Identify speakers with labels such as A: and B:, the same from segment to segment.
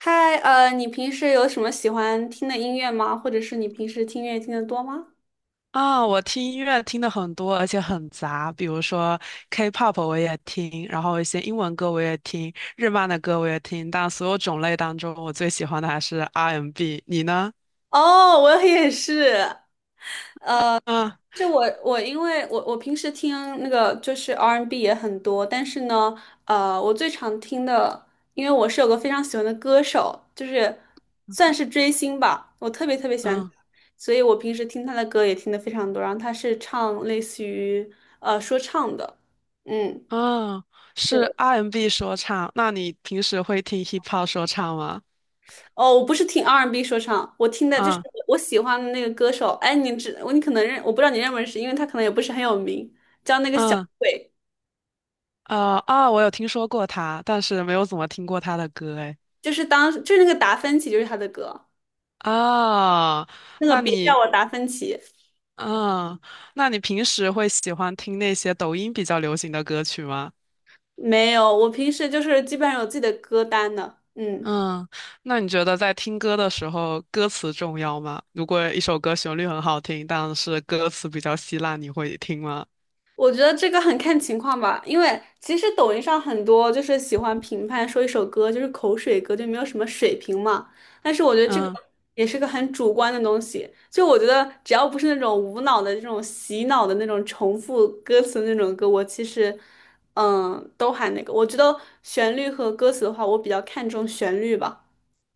A: 嗨，你平时有什么喜欢听的音乐吗？或者是你平时听音乐听得多吗？
B: 啊，我听音乐听的很多，而且很杂，比如说 K-pop 我也听，然后一些英文歌我也听，日漫的歌我也听，但所有种类当中，我最喜欢的还是 R&B。你呢？
A: 哦，我也是。
B: 嗯
A: 是我因为我平时听那个就是 R&B 也很多，但是呢，我最常听的，因为我是有个非常喜欢的歌手，就是算是追星吧，我特别特别喜欢他，
B: 嗯
A: 所以我平时听他的歌也听的非常多。然后他是唱类似于说唱的。嗯。
B: 嗯，是
A: 对。
B: R&B 说唱。那你平时会听 hip hop 说唱吗？
A: 哦，我不是听 R&B 说唱，我听的就是
B: 嗯
A: 我喜欢的那个歌手。哎，你知我你可能认，我不知道你认不认识，因为他可能也不是很有名，叫那个小
B: 嗯
A: 鬼，
B: 我有听说过他，但是没有怎么听过他的歌诶。哎
A: 就是当就是那个达芬奇，就是他的歌。
B: 啊，
A: 那个
B: 那
A: 别叫
B: 你
A: 我达芬奇。
B: 嗯，那你平时会喜欢听那些抖音比较流行的歌曲吗？
A: 没有，我平时就是基本上有自己的歌单的。嗯。
B: 嗯，那你觉得在听歌的时候，歌词重要吗？如果一首歌旋律很好听，但是歌词比较稀烂，你会听吗？
A: 我觉得这个很看情况吧，因为其实抖音上很多就是喜欢评判说一首歌就是口水歌，就没有什么水平嘛。但是我觉得这个
B: 嗯。
A: 也是个很主观的东西，就我觉得只要不是那种无脑的这种洗脑的那种重复歌词的那种歌，我其实嗯都还那个。我觉得旋律和歌词的话，我比较看重旋律吧。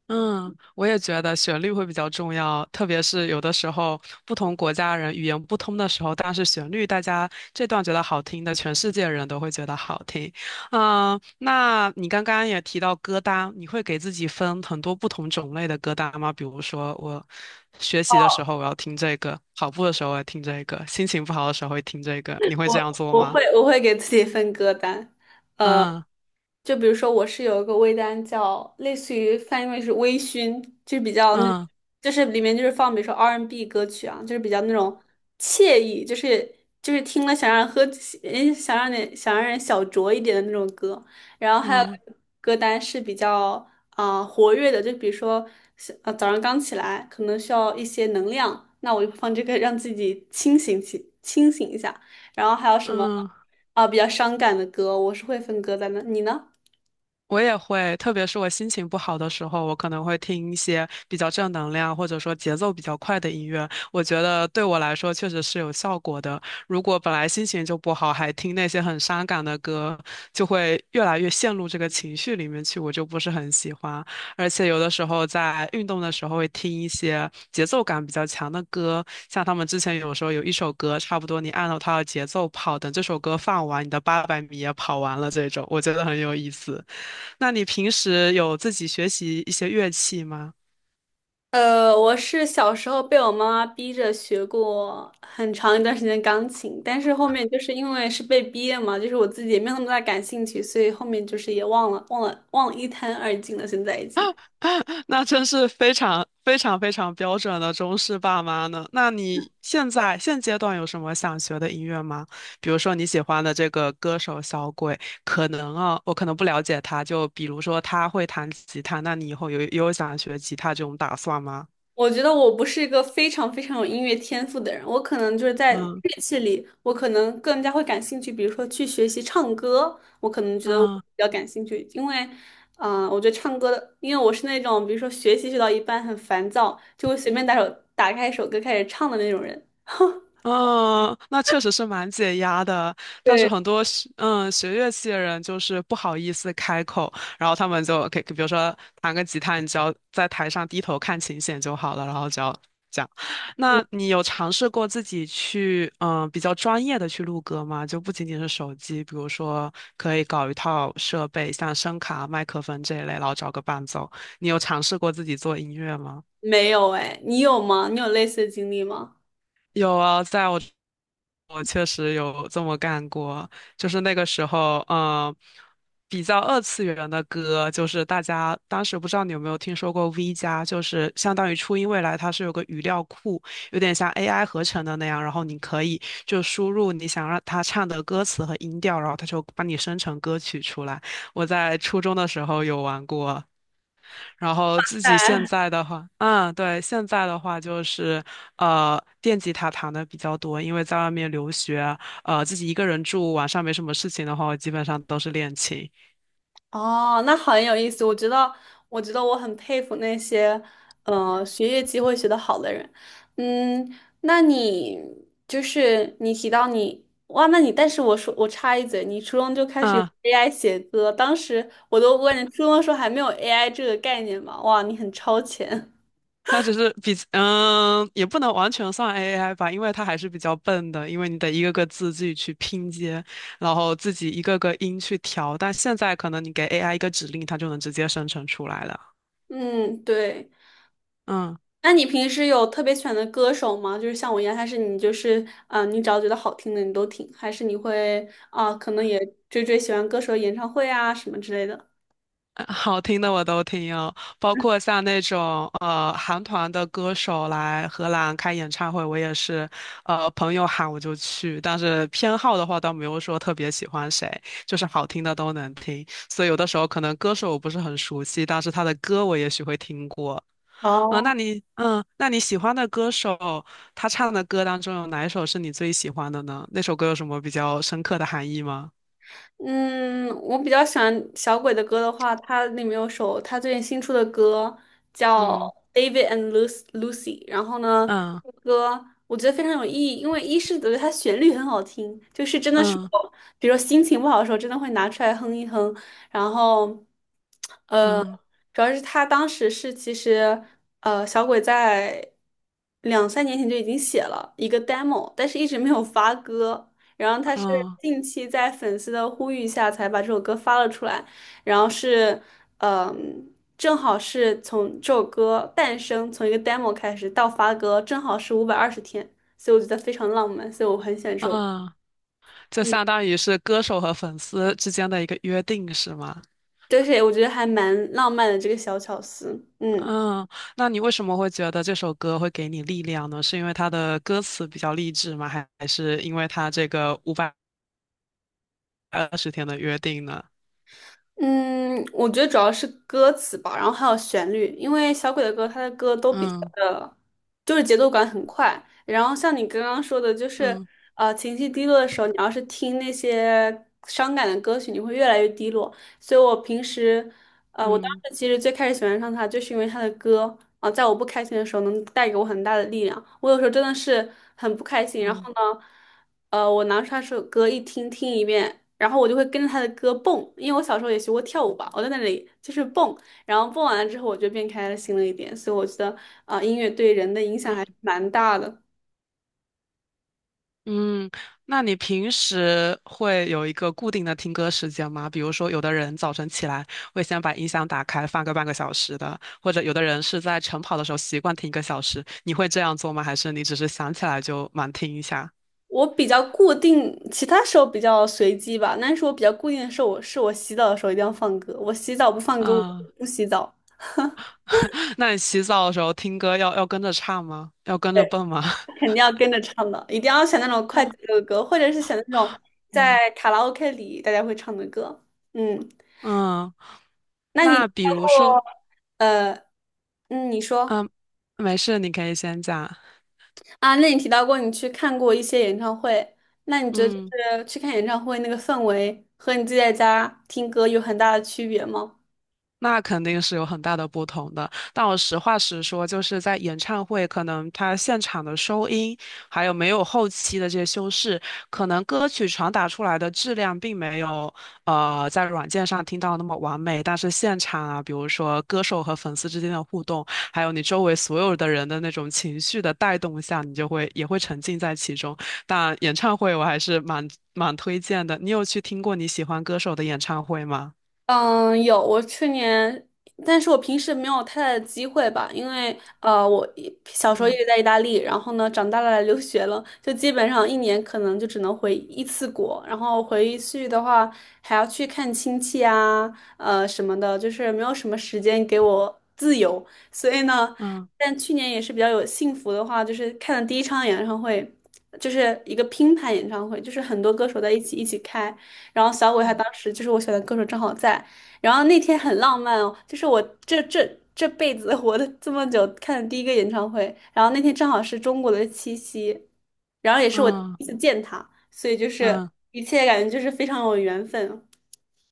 B: 嗯，我也觉得旋律会比较重要，特别是有的时候不同国家人语言不通的时候，但是旋律大家这段觉得好听的，全世界人都会觉得好听。嗯，那你刚刚也提到歌单，你会给自己分很多不同种类的歌单吗？比如说我学习的时候我要听这个，跑步的时候我要听这个，心情不好的时候会听这个，你会这样做
A: 我
B: 吗？
A: 会我会给自己分歌单。
B: 嗯
A: 就比如说，我是有一个微单叫类似于翻译为是微醺，就是比较那，
B: 嗯
A: 就是里面就是放比如说 R&B N 歌曲啊，就是比较那种惬意，就是就是听了想让人喝，诶想让你想让人小酌一点的那种歌。然后还有
B: 嗯
A: 歌单是比较活跃的，就比如说早上刚起来可能需要一些能量，那我就放这个让自己清醒一下。然后还有什么
B: 嗯。
A: 比较伤感的歌，我是会分歌单的，你呢？
B: 我也会，特别是我心情不好的时候，我可能会听一些比较正能量或者说节奏比较快的音乐。我觉得对我来说确实是有效果的。如果本来心情就不好，还听那些很伤感的歌，就会越来越陷入这个情绪里面去，我就不是很喜欢。而且有的时候在运动的时候会听一些节奏感比较强的歌，像他们之前有时候有一首歌，差不多你按照它的节奏跑，等这首歌放完，你的800米也跑完了这种，我觉得很有意思。那你平时有自己学习一些乐器吗？
A: 我是小时候被我妈妈逼着学过很长一段时间钢琴，但是后面就是因为是被逼的嘛，就是我自己也没有那么大感兴趣，所以后面就是也忘了一干二净了，现在已经。
B: 那真是非常非常非常标准的中式爸妈呢。那你现在现阶段有什么想学的音乐吗？比如说你喜欢的这个歌手小鬼，可能啊，我可能不了解他，就比如说他会弹吉他，那你以后有想学吉他这种打算吗？
A: 我觉得我不是一个非常非常有音乐天赋的人，我可能就是在
B: 嗯
A: 乐器里，我可能更加会感兴趣，比如说去学习唱歌，我可能觉得我比
B: 嗯
A: 较感兴趣，因为，我觉得唱歌的，因为我是那种比如说学习学到一半很烦躁，就会随便打首打开一首歌开始唱的那种人。
B: 嗯，那确实是蛮解压的，但是
A: 对。
B: 很多学乐器的人就是不好意思开口，然后他们就可以，比如说弹个吉他，你只要在台上低头看琴弦就好了，然后只要讲。那
A: 嗯
B: 你有尝试过自己去比较专业的去录歌吗？就不仅仅是手机，比如说可以搞一套设备，像声卡、麦克风这一类，然后找个伴奏。你有尝试过自己做音乐吗？
A: 没有哎，你有吗？你有类似的经历吗？
B: 有啊，我确实有这么干过，就是那个时候，比较二次元的歌，就是大家当时不知道你有没有听说过 V 加，就是相当于初音未来，它是有个语料库，有点像 AI 合成的那样，然后你可以就输入你想让它唱的歌词和音调，然后它就帮你生成歌曲出来。我在初中的时候有玩过，然后自己现在的话，对，现在的话就是，电吉他弹的比较多，因为在外面留学，自己一个人住，晚上没什么事情的话，我基本上都是练琴。
A: 哦，那很有意思。我觉得，我觉得我很佩服那些，学业机会学得好的人。嗯，那你就是你提到你，哇，那你，但是我说我插一嘴，你初中就开始用
B: 嗯，
A: AI 写歌，当时我都问，你初中的时候还没有 AI 这个概念嘛？哇，你很超前。
B: 它只是比，也不能完全算 AI 吧，因为它还是比较笨的，因为你得一个个字自己去拼接，然后自己一个个音去调。但现在可能你给 AI 一个指令，它就能直接生成出来了。
A: 嗯，对。
B: 嗯。
A: 那你平时有特别喜欢的歌手吗？就是像我一样，还是你就是你只要觉得好听的你都听，还是你会啊、可能也追喜欢歌手的演唱会啊什么之类的？
B: 好听的我都听哦，包括像那种韩团的歌手来荷兰开演唱会，我也是朋友喊我就去，但是偏好的话倒没有说特别喜欢谁，就是好听的都能听，所以有的时候可能歌手我不是很熟悉，但是他的歌我也许会听过。啊、那
A: 哦。
B: 你那你喜欢的歌手他唱的歌当中有哪一首是你最喜欢的呢？那首歌有什么比较深刻的含义吗？
A: 嗯，我比较喜欢小鬼的歌的话，他里面有首他最近新出的歌叫
B: 嗯
A: 《David and Lucy》,然后呢，
B: 嗯
A: 这个歌我觉得非常有意义，因为一是觉得它旋律很好听，就是真的是
B: 嗯
A: 我，比如说心情不好的时候，真的会拿出来哼一哼，然后。
B: 嗯
A: 主要是他当时是其实，小鬼在2、3年前就已经写了一个 demo,但是一直没有发歌。然后他是
B: 嗯
A: 近期在粉丝的呼吁下才把这首歌发了出来，然后是，正好是从这首歌诞生，从一个 demo 开始到发歌，正好是520天，所以我觉得非常浪漫，所以我很喜欢这
B: 嗯。
A: 首歌。
B: 就
A: 嗯，
B: 相当于是歌手和粉丝之间的一个约定，是吗？
A: 就是我觉得还蛮浪漫的这个小巧思。嗯。
B: 嗯，那你为什么会觉得这首歌会给你力量呢？是因为它的歌词比较励志吗？还是因为它这个520天的约定呢？
A: 嗯，我觉得主要是歌词吧，然后还有旋律，因为小鬼的歌，他的歌都比较
B: 嗯
A: 的，就是节奏感很快。然后像你刚刚说的，就是
B: 嗯
A: 情绪低落的时候，你要是听那些伤感的歌曲，你会越来越低落。所以我平时，我当
B: 嗯
A: 时其实最开始喜欢上他，就是因为他的歌啊，在我不开心的时候能带给我很大的力量。我有时候真的是很不开心，然
B: 嗯
A: 后呢。我拿出他首歌听一遍，然后我就会跟着他的歌蹦，因为我小时候也学过跳舞吧，我在那里就是蹦，然后蹦完了之后我就变开心了一点，所以我觉得音乐对人的影响
B: 嗯
A: 还蛮大的。
B: 嗯，那你平时会有一个固定的听歌时间吗？比如说，有的人早晨起来会先把音响打开放个半个小时的，或者有的人是在晨跑的时候习惯听一个小时。你会这样做吗？还是你只是想起来就蛮听一下？
A: 我比较固定，其他时候比较随机吧，但是我比较固定的是我是我洗澡的时候一定要放歌，我洗澡不放歌我
B: 啊，
A: 不洗澡。
B: 那你洗澡的时候听歌要跟着唱吗？要跟着蹦吗？
A: 肯定 要跟着唱的，一定要选那种快节
B: 嗯
A: 奏的歌，或者是选那种
B: 嗯
A: 在卡拉 OK 里大家会唱的歌。嗯。
B: 嗯，那比如说，
A: 嗯，你说。
B: 嗯，没事，你可以先讲。
A: 啊，那你提到过你去看过一些演唱会，那你觉得就
B: 嗯
A: 是去看演唱会那个氛围和你自己在家听歌有很大的区别吗？
B: 那肯定是有很大的不同的。但我实话实说，就是在演唱会，可能它现场的收音，还有没有后期的这些修饰，可能歌曲传达出来的质量并没有在软件上听到那么完美。但是现场啊，比如说歌手和粉丝之间的互动，还有你周围所有的人的那种情绪的带动下，你就会也会沉浸在其中。但演唱会我还是蛮推荐的。你有去听过你喜欢歌手的演唱会吗？
A: 嗯，有，我去年，但是我平时没有太大的机会吧，因为我小时候一
B: 嗯
A: 直在意大利，然后呢，长大了来留学了，就基本上一年可能就只能回一次国，然后回去的话还要去看亲戚啊，什么的，就是没有什么时间给我自由，所以呢，
B: 嗯。
A: 但去年也是比较有幸福的话，就是看了第一场演唱会，就是一个拼盘演唱会，就是很多歌手在一起开。然后小鬼他当
B: 嗯
A: 时就是我选的歌手正好在，然后那天很浪漫哦，就是我这辈子 活的这么久看的第一个演唱会，然后那天正好是中国的七夕，然后也是我第
B: 嗯
A: 一次见他，所以就是
B: 嗯
A: 一切感觉就是非常有缘分哦。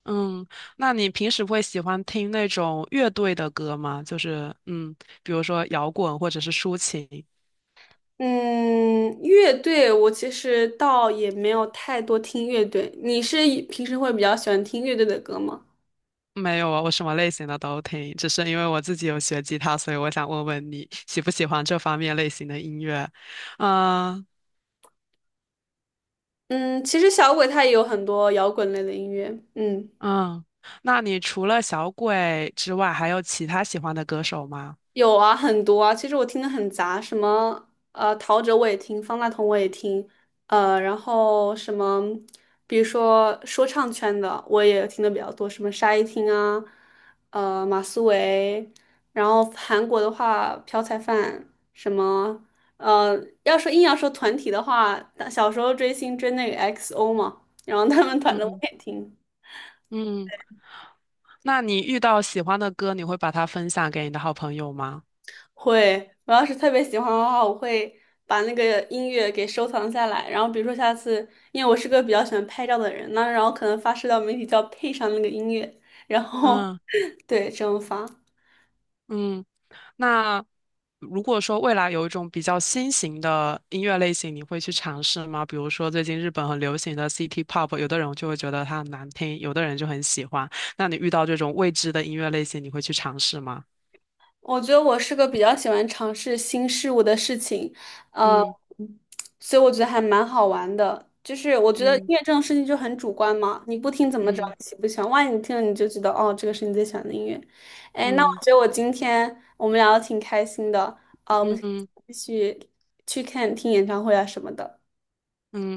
B: 嗯，那你平时会喜欢听那种乐队的歌吗？就是比如说摇滚或者是抒情。
A: 嗯，乐队我其实倒也没有太多听乐队，你是平时会比较喜欢听乐队的歌吗？
B: 没有啊，我什么类型的都听，只是因为我自己有学吉他，所以我想问问你喜不喜欢这方面类型的音乐。嗯
A: 嗯，其实小鬼他也有很多摇滚类的音乐，嗯。
B: 嗯，那你除了小鬼之外，还有其他喜欢的歌手吗？
A: 有啊，很多啊。其实我听的很杂，什么陶喆我也听，方大同我也听，然后什么，比如说说唱圈的我也听的比较多，什么沙一汀啊，马思唯，然后韩国的话朴彩范，什么呃，硬要说团体的话，小时候追星追那个 XO 嘛，然后他们团的我
B: 嗯
A: 也听。
B: 嗯，那你遇到喜欢的歌，你会把它分享给你的好朋友吗？
A: 会，我要是特别喜欢的话，我会把那个音乐给收藏下来，然后比如说下次，因为我是个比较喜欢拍照的人，那然后可能发社交媒体就要配上那个音乐，然后
B: 嗯
A: 对，这么发。
B: 嗯。那如果说未来有一种比较新型的音乐类型，你会去尝试吗？比如说最近日本很流行的 City Pop，有的人就会觉得它很难听，有的人就很喜欢。那你遇到这种未知的音乐类型，你会去尝试吗？
A: 我觉得我是个比较喜欢尝试新事物的事情，呃，
B: 嗯
A: 所以我觉得还蛮好玩的。就是我觉得音
B: 嗯
A: 乐这种事情就很主观嘛，你不听怎么知道
B: 嗯
A: 你喜不喜欢？万一你听了你就知道，哦，这个是你最喜欢的音乐。哎，那我
B: 嗯
A: 觉得我今天我们聊的挺开心的，啊，我
B: 嗯
A: 们
B: 嗯嗯
A: 继续去听演唱会啊什么的。
B: 嗯。